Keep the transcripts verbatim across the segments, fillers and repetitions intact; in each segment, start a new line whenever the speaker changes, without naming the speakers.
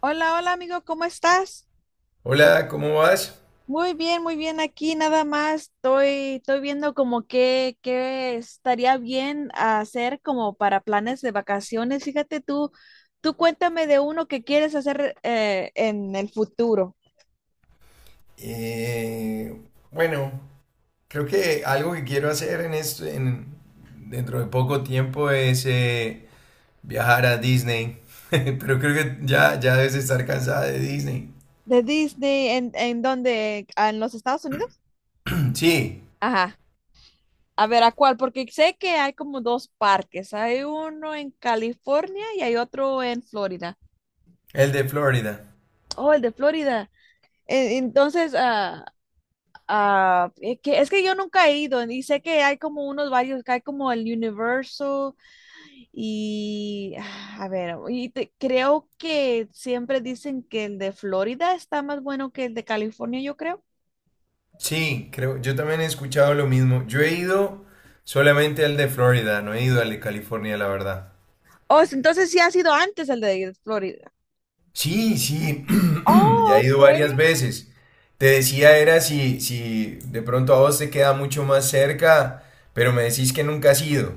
Hola, hola amigo, ¿cómo estás?
Hola, ¿cómo vas?
Muy bien, muy bien. Aquí nada más estoy, estoy viendo como qué, qué estaría bien hacer como para planes de vacaciones. Fíjate tú, tú cuéntame de uno que quieres hacer eh, en el futuro.
Eh, bueno, creo que algo que quiero hacer en esto, en- dentro de poco tiempo es eh, viajar a Disney. Pero creo que ya, ya debes estar cansada de Disney.
De Disney, ¿en, en dónde? Ah, ¿en los Estados Unidos?
Sí,
Ajá. A ver, ¿a cuál? Porque sé que hay como dos parques. Hay uno en California y hay otro en Florida.
el de Florida.
Oh, el de Florida. E- Entonces, ah, Ah, es que, es que yo nunca he ido y sé que hay como unos varios, que hay como el Universal y ah, a ver, y te- creo que siempre dicen que el de Florida está más bueno que el de California, yo creo.
Sí, creo, yo también he escuchado lo mismo. Yo he ido solamente al de Florida, no he ido al de California, la verdad.
Oh, entonces sí ha sido antes el de Florida.
Sí, sí, ya
Oh,
he
ok.
ido varias veces. Te decía era si, si de pronto a vos te queda mucho más cerca, pero me decís que nunca has ido.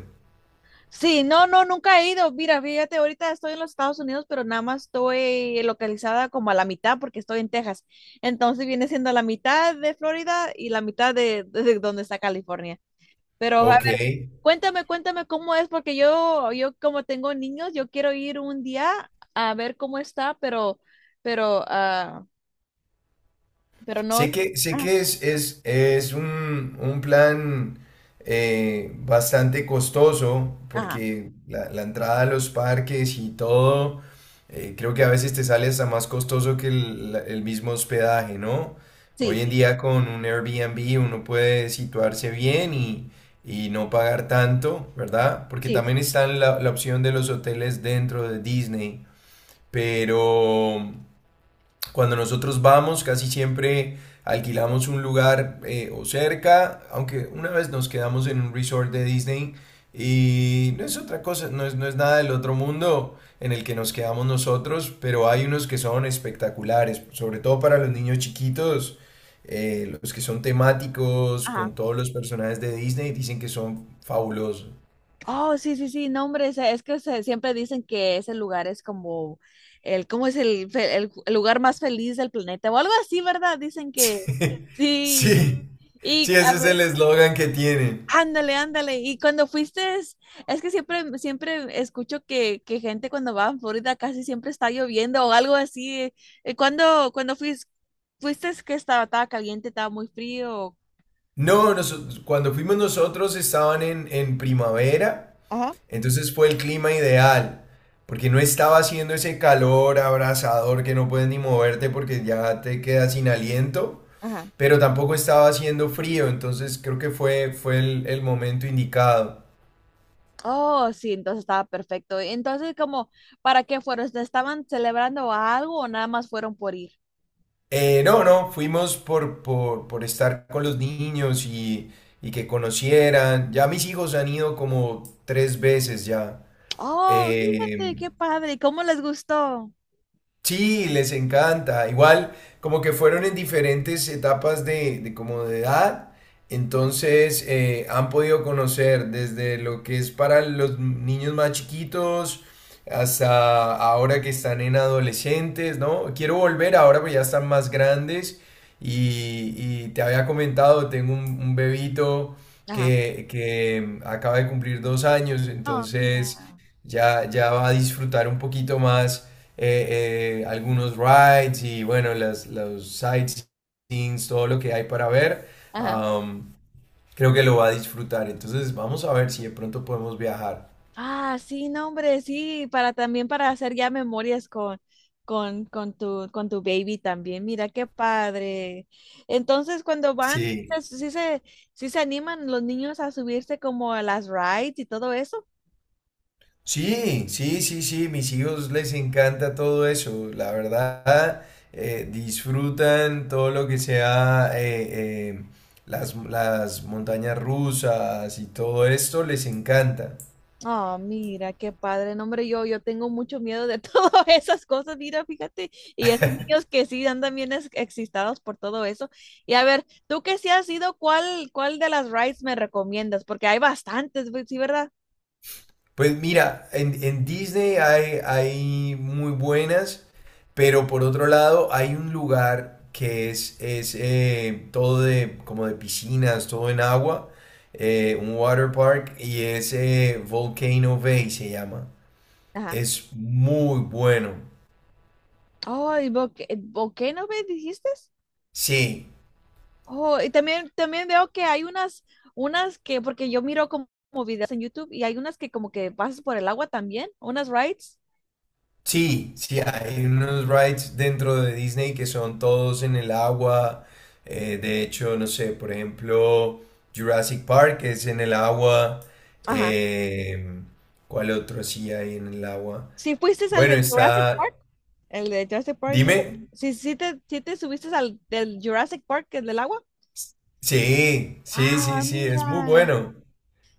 Sí, no, no, nunca he ido. Mira, fíjate, ahorita estoy en los Estados Unidos, pero nada más estoy localizada como a la mitad porque estoy en Texas. Entonces viene siendo la mitad de Florida y la mitad de, de donde está California. Pero a
Ok.
ver, cuéntame, cuéntame cómo es, porque yo, yo como tengo niños, yo quiero ir un día a ver cómo está, pero, pero, ah, pero no.
Sé que, sé
Ajá,
que es, es, es un, un plan eh, bastante costoso
ajá,
porque la, la entrada a los parques y todo, eh, creo que a veces te sale hasta más costoso que el, la- el mismo hospedaje, ¿no?
sí,
Hoy en
sí,
día con un Airbnb uno puede situarse bien y, y no pagar tanto, ¿verdad? Porque
sí,
también
sí,
está la, la opción de los hoteles dentro de Disney, pero... Cuando nosotros vamos, casi siempre alquilamos un lugar eh, o cerca, aunque una vez nos quedamos en un resort de Disney y no es otra cosa, no es, no es nada del otro mundo en el que nos quedamos nosotros, pero hay unos que son espectaculares, sobre todo para los niños chiquitos, eh, los que son temáticos con
ajá.
todos los personajes de Disney, dicen que son fabulosos.
Oh, sí, sí, sí, no, hombre, se- es que se- siempre dicen que ese lugar es como el, ¿cómo es el, fe- el, el lugar más feliz del planeta? O algo así, ¿verdad? Dicen que sí.
Sí,
Y
sí,
a
ese es
ve-
el eslogan que tienen.
Ándale, ándale. Y cuando fuiste, es es que siempre, siempre escucho que, que gente cuando va a Florida casi siempre está lloviendo o algo así. Eh, Cuando, cuando fuiste, fuiste que estaba, estaba caliente, estaba muy frío.
No, noso- Cuando fuimos nosotros estaban en, en primavera,
Ajá,
entonces fue el clima ideal, porque no estaba haciendo ese calor abrasador que no puedes ni moverte porque ya te quedas sin aliento,
ajá.
pero tampoco estaba haciendo frío, entonces creo que fue, fue el, el momento indicado.
Oh, sí, entonces estaba perfecto. Entonces, como, ¿para qué fueron? ¿Estaban celebrando algo o nada más fueron por ir?
Eh, no, no, fuimos por, por, por estar con los niños y, y que conocieran. Ya mis hijos han ido como tres veces ya.
Oh, fíjate,
Em,
qué padre. ¿Y cómo les gustó?
Sí, les encanta. Igual, como que fueron en diferentes etapas de, de como de edad,
Ujú.
entonces eh, han podido conocer desde lo que es para los niños más chiquitos hasta ahora que están en adolescentes, ¿no? Quiero volver ahora, pues ya están más grandes y, y te había comentado, tengo un, un bebito
Ajá.
que, que acaba de cumplir dos años,
Oh,
entonces
mira.
ya, ya va a disfrutar un poquito más eh, eh, algunos rides y bueno, las, los sightseeings, todo lo que hay para ver,
Ajá.
am, creo que lo va a disfrutar. Entonces vamos a ver si de pronto podemos viajar.
Ah, sí, no, hombre, sí, para también para hacer ya memorias con, con, con tu, con tu baby también. Mira, qué padre. Entonces, cuando van,
Sí,
se- sí se, sí se animan los niños a subirse como a las rides y todo eso.
sí, sí, sí, sí, mis hijos les encanta todo eso, la verdad, eh, disfrutan todo lo que sea eh, eh, las, las montañas rusas y todo esto, les encanta.
Ah, mira, qué padre, no, hombre, yo, yo tengo mucho miedo de todas esas cosas, mira, fíjate, y esos niños que sí andan bien ex- excitados por todo eso. Y a ver, tú que sí has ido, ¿cuál, cuál de las rides me recomiendas? Porque hay bastantes, güey, sí, ¿verdad?
Pues mira, en, en Disney hay, hay muy buenas, pero por otro lado hay un lugar que es, es eh, todo de, como de piscinas, todo en agua, eh, un water park, y es eh, Volcano Bay se llama.
Ajá.
Es muy bueno.
Oh, ¿y Boque- Volcano me dijiste?
Sí,
Oh, y también, también veo que hay unas, unas que, porque yo miro como, como videos en YouTube y hay unas que como que pasas por el agua también, unas rides.
sí, sí, hay unos rides dentro de Disney que son todos en el agua. Eh, de hecho, no sé, por ejemplo, Jurassic Park es en el agua.
Ajá.
Em, ¿Cuál otro sí hay en el agua?
¿Sí fuiste al
Bueno,
de Jurassic
está...
Park? El de Jurassic Park. Sí,
Dime.
sí sí te, sí te subiste al del Jurassic Park, el del agua.
Sí, sí, sí,
Ah,
sí, es muy
mira.
bueno.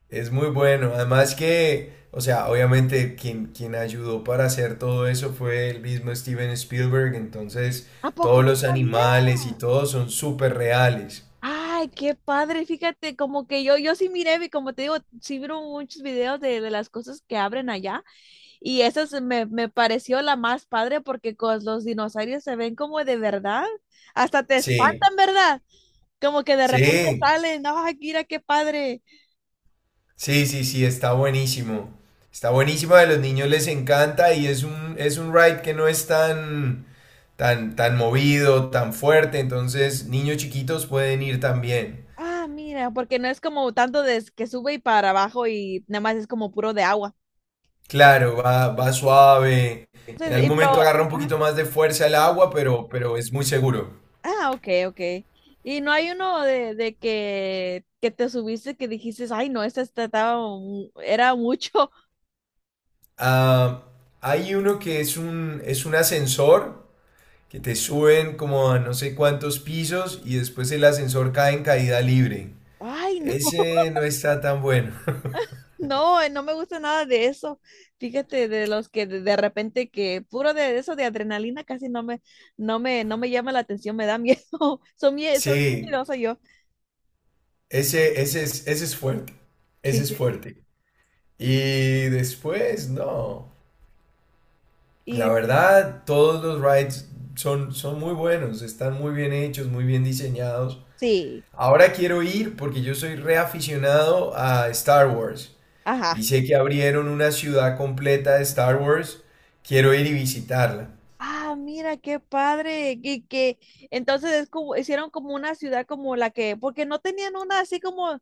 Es muy bueno. Además que, o sea, obviamente quien, quien ayudó para hacer todo eso fue el mismo Steven Spielberg. Entonces,
¿A poco
todos
no
los
sabía?
animales y todo son súper reales.
Ay, qué padre. Fíjate, como que yo, yo sí miré, vi- como te digo, sí vi muchos videos de, de las cosas que abren allá. Y esa se me, me pareció la más padre porque con los dinosaurios se ven como de verdad. Hasta te, sí,
Sí,
espantan, ¿verdad? Como que de repente
sí,
salen. No, mira, qué padre.
sí, sí, sí, está buenísimo. Está buenísimo, a los niños les encanta y es un, es un ride que no es tan, tan, tan movido, tan fuerte. Entonces, niños chiquitos pueden ir también.
Ah, mira, porque no es como tanto de s- que sube y para abajo y nada más es como puro de agua.
Claro, va, va suave. En
Entonces,
algún
y,
momento
pero,
agarra un poquito más de fuerza el agua, pero, pero es muy seguro.
ah, ok, ok. Y no hay uno de, de que, que te subiste que dijiste, ay, no, esta esta estaba, mu- era mucho.
Ah, Hay uno que es un, es un ascensor que te suben como a no sé cuántos pisos y después el ascensor cae en caída libre.
Ay, no,
Ese no está tan bueno.
no, eh, no me gusta nada de eso. Fíjate, de los que de, de repente que puro de eso de adrenalina casi no me, no me, no me llama la atención, me da miedo. Son mie- son
Sí,
miedosa yo.
ese, ese es, ese es fuerte. Ese
Sí,
es
sí, sí.
fuerte. Y después, no. La
Y
verdad, todos los rides son, son muy buenos, están muy bien hechos, muy bien diseñados.
sí,
Ahora quiero ir porque yo soy reaficionado a Star Wars y
ajá.
sé que abrieron una ciudad completa de Star Wars. Quiero ir y visitarla.
Ah, mira, qué padre. Y que entonces es como, hicieron como una ciudad como la que, porque no tenían una así como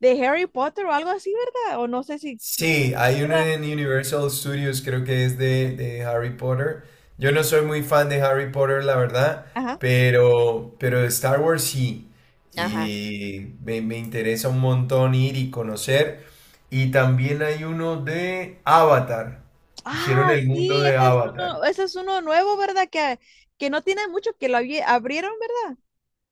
de Harry Potter o algo así, ¿verdad? O no sé si, si sabes,
Sí, hay uno
¿verdad?
en Universal Studios, creo que es de, de Harry Potter. Yo no soy muy fan de Harry Potter, la verdad,
Ajá.
pero, pero de Star Wars sí.
Ajá.
Y me, me interesa un montón ir y conocer. Y también hay uno de Avatar. Hicieron
Ah,
el mundo
sí,
de
ese es
Avatar.
uno, ese es uno nuevo, ¿verdad? Que, que no tiene mucho, que lo abri- abrieron, ¿verdad?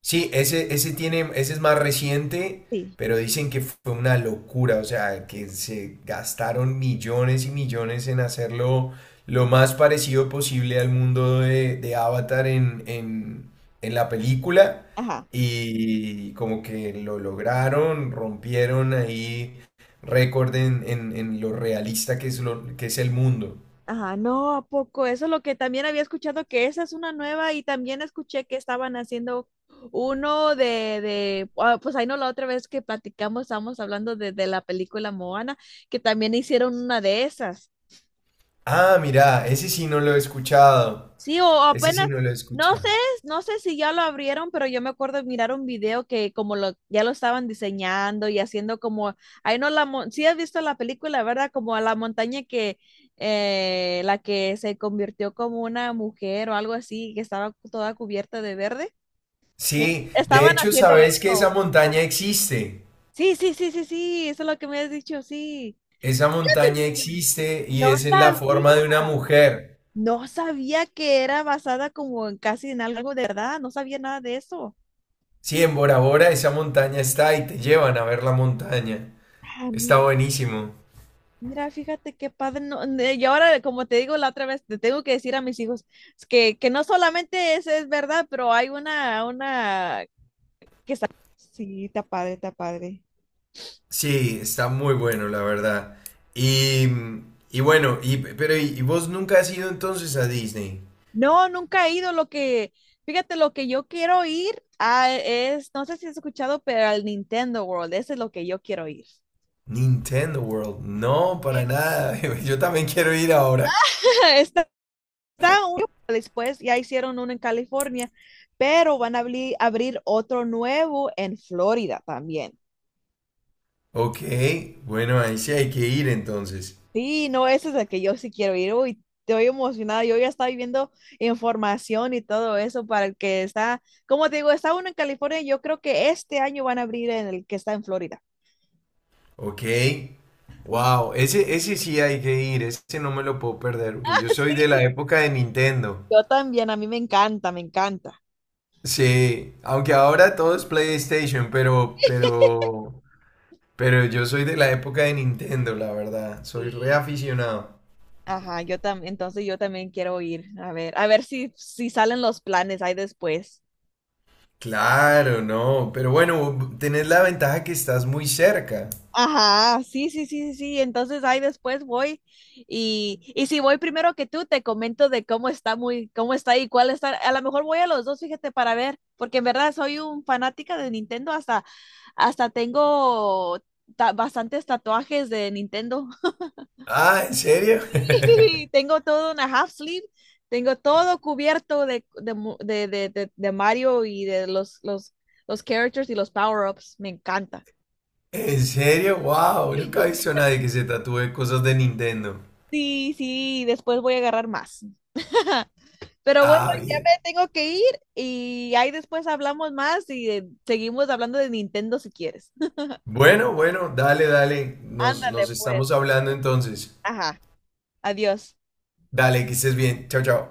Sí, ese, ese tiene, ese es más reciente,
Sí.
pero dicen que fue una locura, o sea, que se gastaron millones y millones en hacerlo lo más parecido posible al mundo de, de Avatar en, en, en la película
Ajá.
y como que lo lograron, rompieron ahí récord en, en- en lo realista que es, lo, que es el mundo.
Ajá, no, ¿a poco? Eso es lo que también había escuchado, que esa es una nueva y también escuché que estaban haciendo uno de, de, ah, pues ahí no, la otra vez que platicamos, estábamos hablando de, de la película Moana, que también hicieron una de esas.
Ah, mira, ese sí no lo he escuchado,
Sí, o
ese sí
apenas,
no lo he
no sé,
escuchado.
no sé si ya lo abrieron, pero yo me acuerdo de mirar un video que como lo, ya lo estaban diseñando y haciendo como, ahí no la, mon- sí has visto la película, ¿verdad? Como a la montaña que, eh, la que se convirtió como una mujer o algo así, que estaba toda cubierta de verde. Sí.
Sí, de
Estaban
hecho,
haciendo
sabes que esa
eso.
montaña existe.
Sí, sí, sí, sí, sí, eso es lo que me has dicho, sí.
Esa montaña existe y
No
es en la
sabía.
forma de una mujer.
No sabía que era basada como en casi en algo de verdad, no sabía nada de eso.
Sí, en Bora Bora esa montaña está y te llevan a ver la montaña.
Ah,
Está
mira,
buenísimo.
mira, fíjate qué padre. No, ne- y ahora, como te digo la otra vez, te tengo que decir a mis hijos es que, que no solamente es, es verdad, pero hay una, una que está. Sí, está padre, está padre.
Sí, está muy bueno, la verdad. Y, y bueno, y, pero ¿y y vos nunca has ido entonces a Disney?
No, nunca he ido. Lo que, fíjate, lo que yo quiero ir a, es, no sé si has escuchado, pero al Nintendo World, ese es lo que yo quiero ir.
Nintendo World. No, para
Yes.
nada. Yo también quiero ir ahora.
Está está uno después, ya hicieron uno en California, pero van a abri- abrir otro nuevo en Florida también.
Ok, bueno, ahí sí hay que ir entonces.
Sí, no, ese es el que yo sí quiero ir. Uy, estoy emocionada. Yo ya estaba viendo información y todo eso para el que está, como te digo, está uno en California. Yo creo que este año van a abrir en el que está en Florida.
Ok.
Sí.
Wow, ese, ese sí hay que ir, ese no me lo puedo perder, porque yo soy de la
Sí,
época de Nintendo.
yo también, a mí me encanta, me encanta.
Sí, aunque ahora todo es PlayStation, pero, pero, pero yo soy de la época de Nintendo, la verdad. Soy
Sí.
reaficionado.
Ajá, yo también, entonces yo también quiero ir, a ver, a ver si, si salen los planes ahí después.
Claro, no, pero bueno, tenés la ventaja que estás muy cerca.
Ajá, sí, sí, sí, sí, sí. Entonces ahí después voy y, y si voy primero que tú, te comento de cómo está muy, cómo está y cuál está. A lo mejor voy a los dos, fíjate, para ver, porque en verdad soy un fanática de Nintendo, hasta, hasta tengo ta- bastantes tatuajes de Nintendo.
Ah, ¿en serio?
Tengo todo una half sleeve, tengo todo cubierto de, de, mu- de, de, de- de Mario y de los, los, los characters y los power-ups. Me encanta.
¿En serio? Wow, nunca he visto a nadie que se tatúe cosas de Nintendo.
Sí, sí, después voy a agarrar más. Pero bueno,
Ah,
ya
bien.
me tengo que ir y ahí después hablamos más y eh, seguimos hablando de Nintendo si quieres.
Bueno, bueno, dale, dale. Nos,
Ándale,
nos
pues.
estamos hablando entonces.
Ajá, adiós.
Dale, que estés bien. Chao, chao.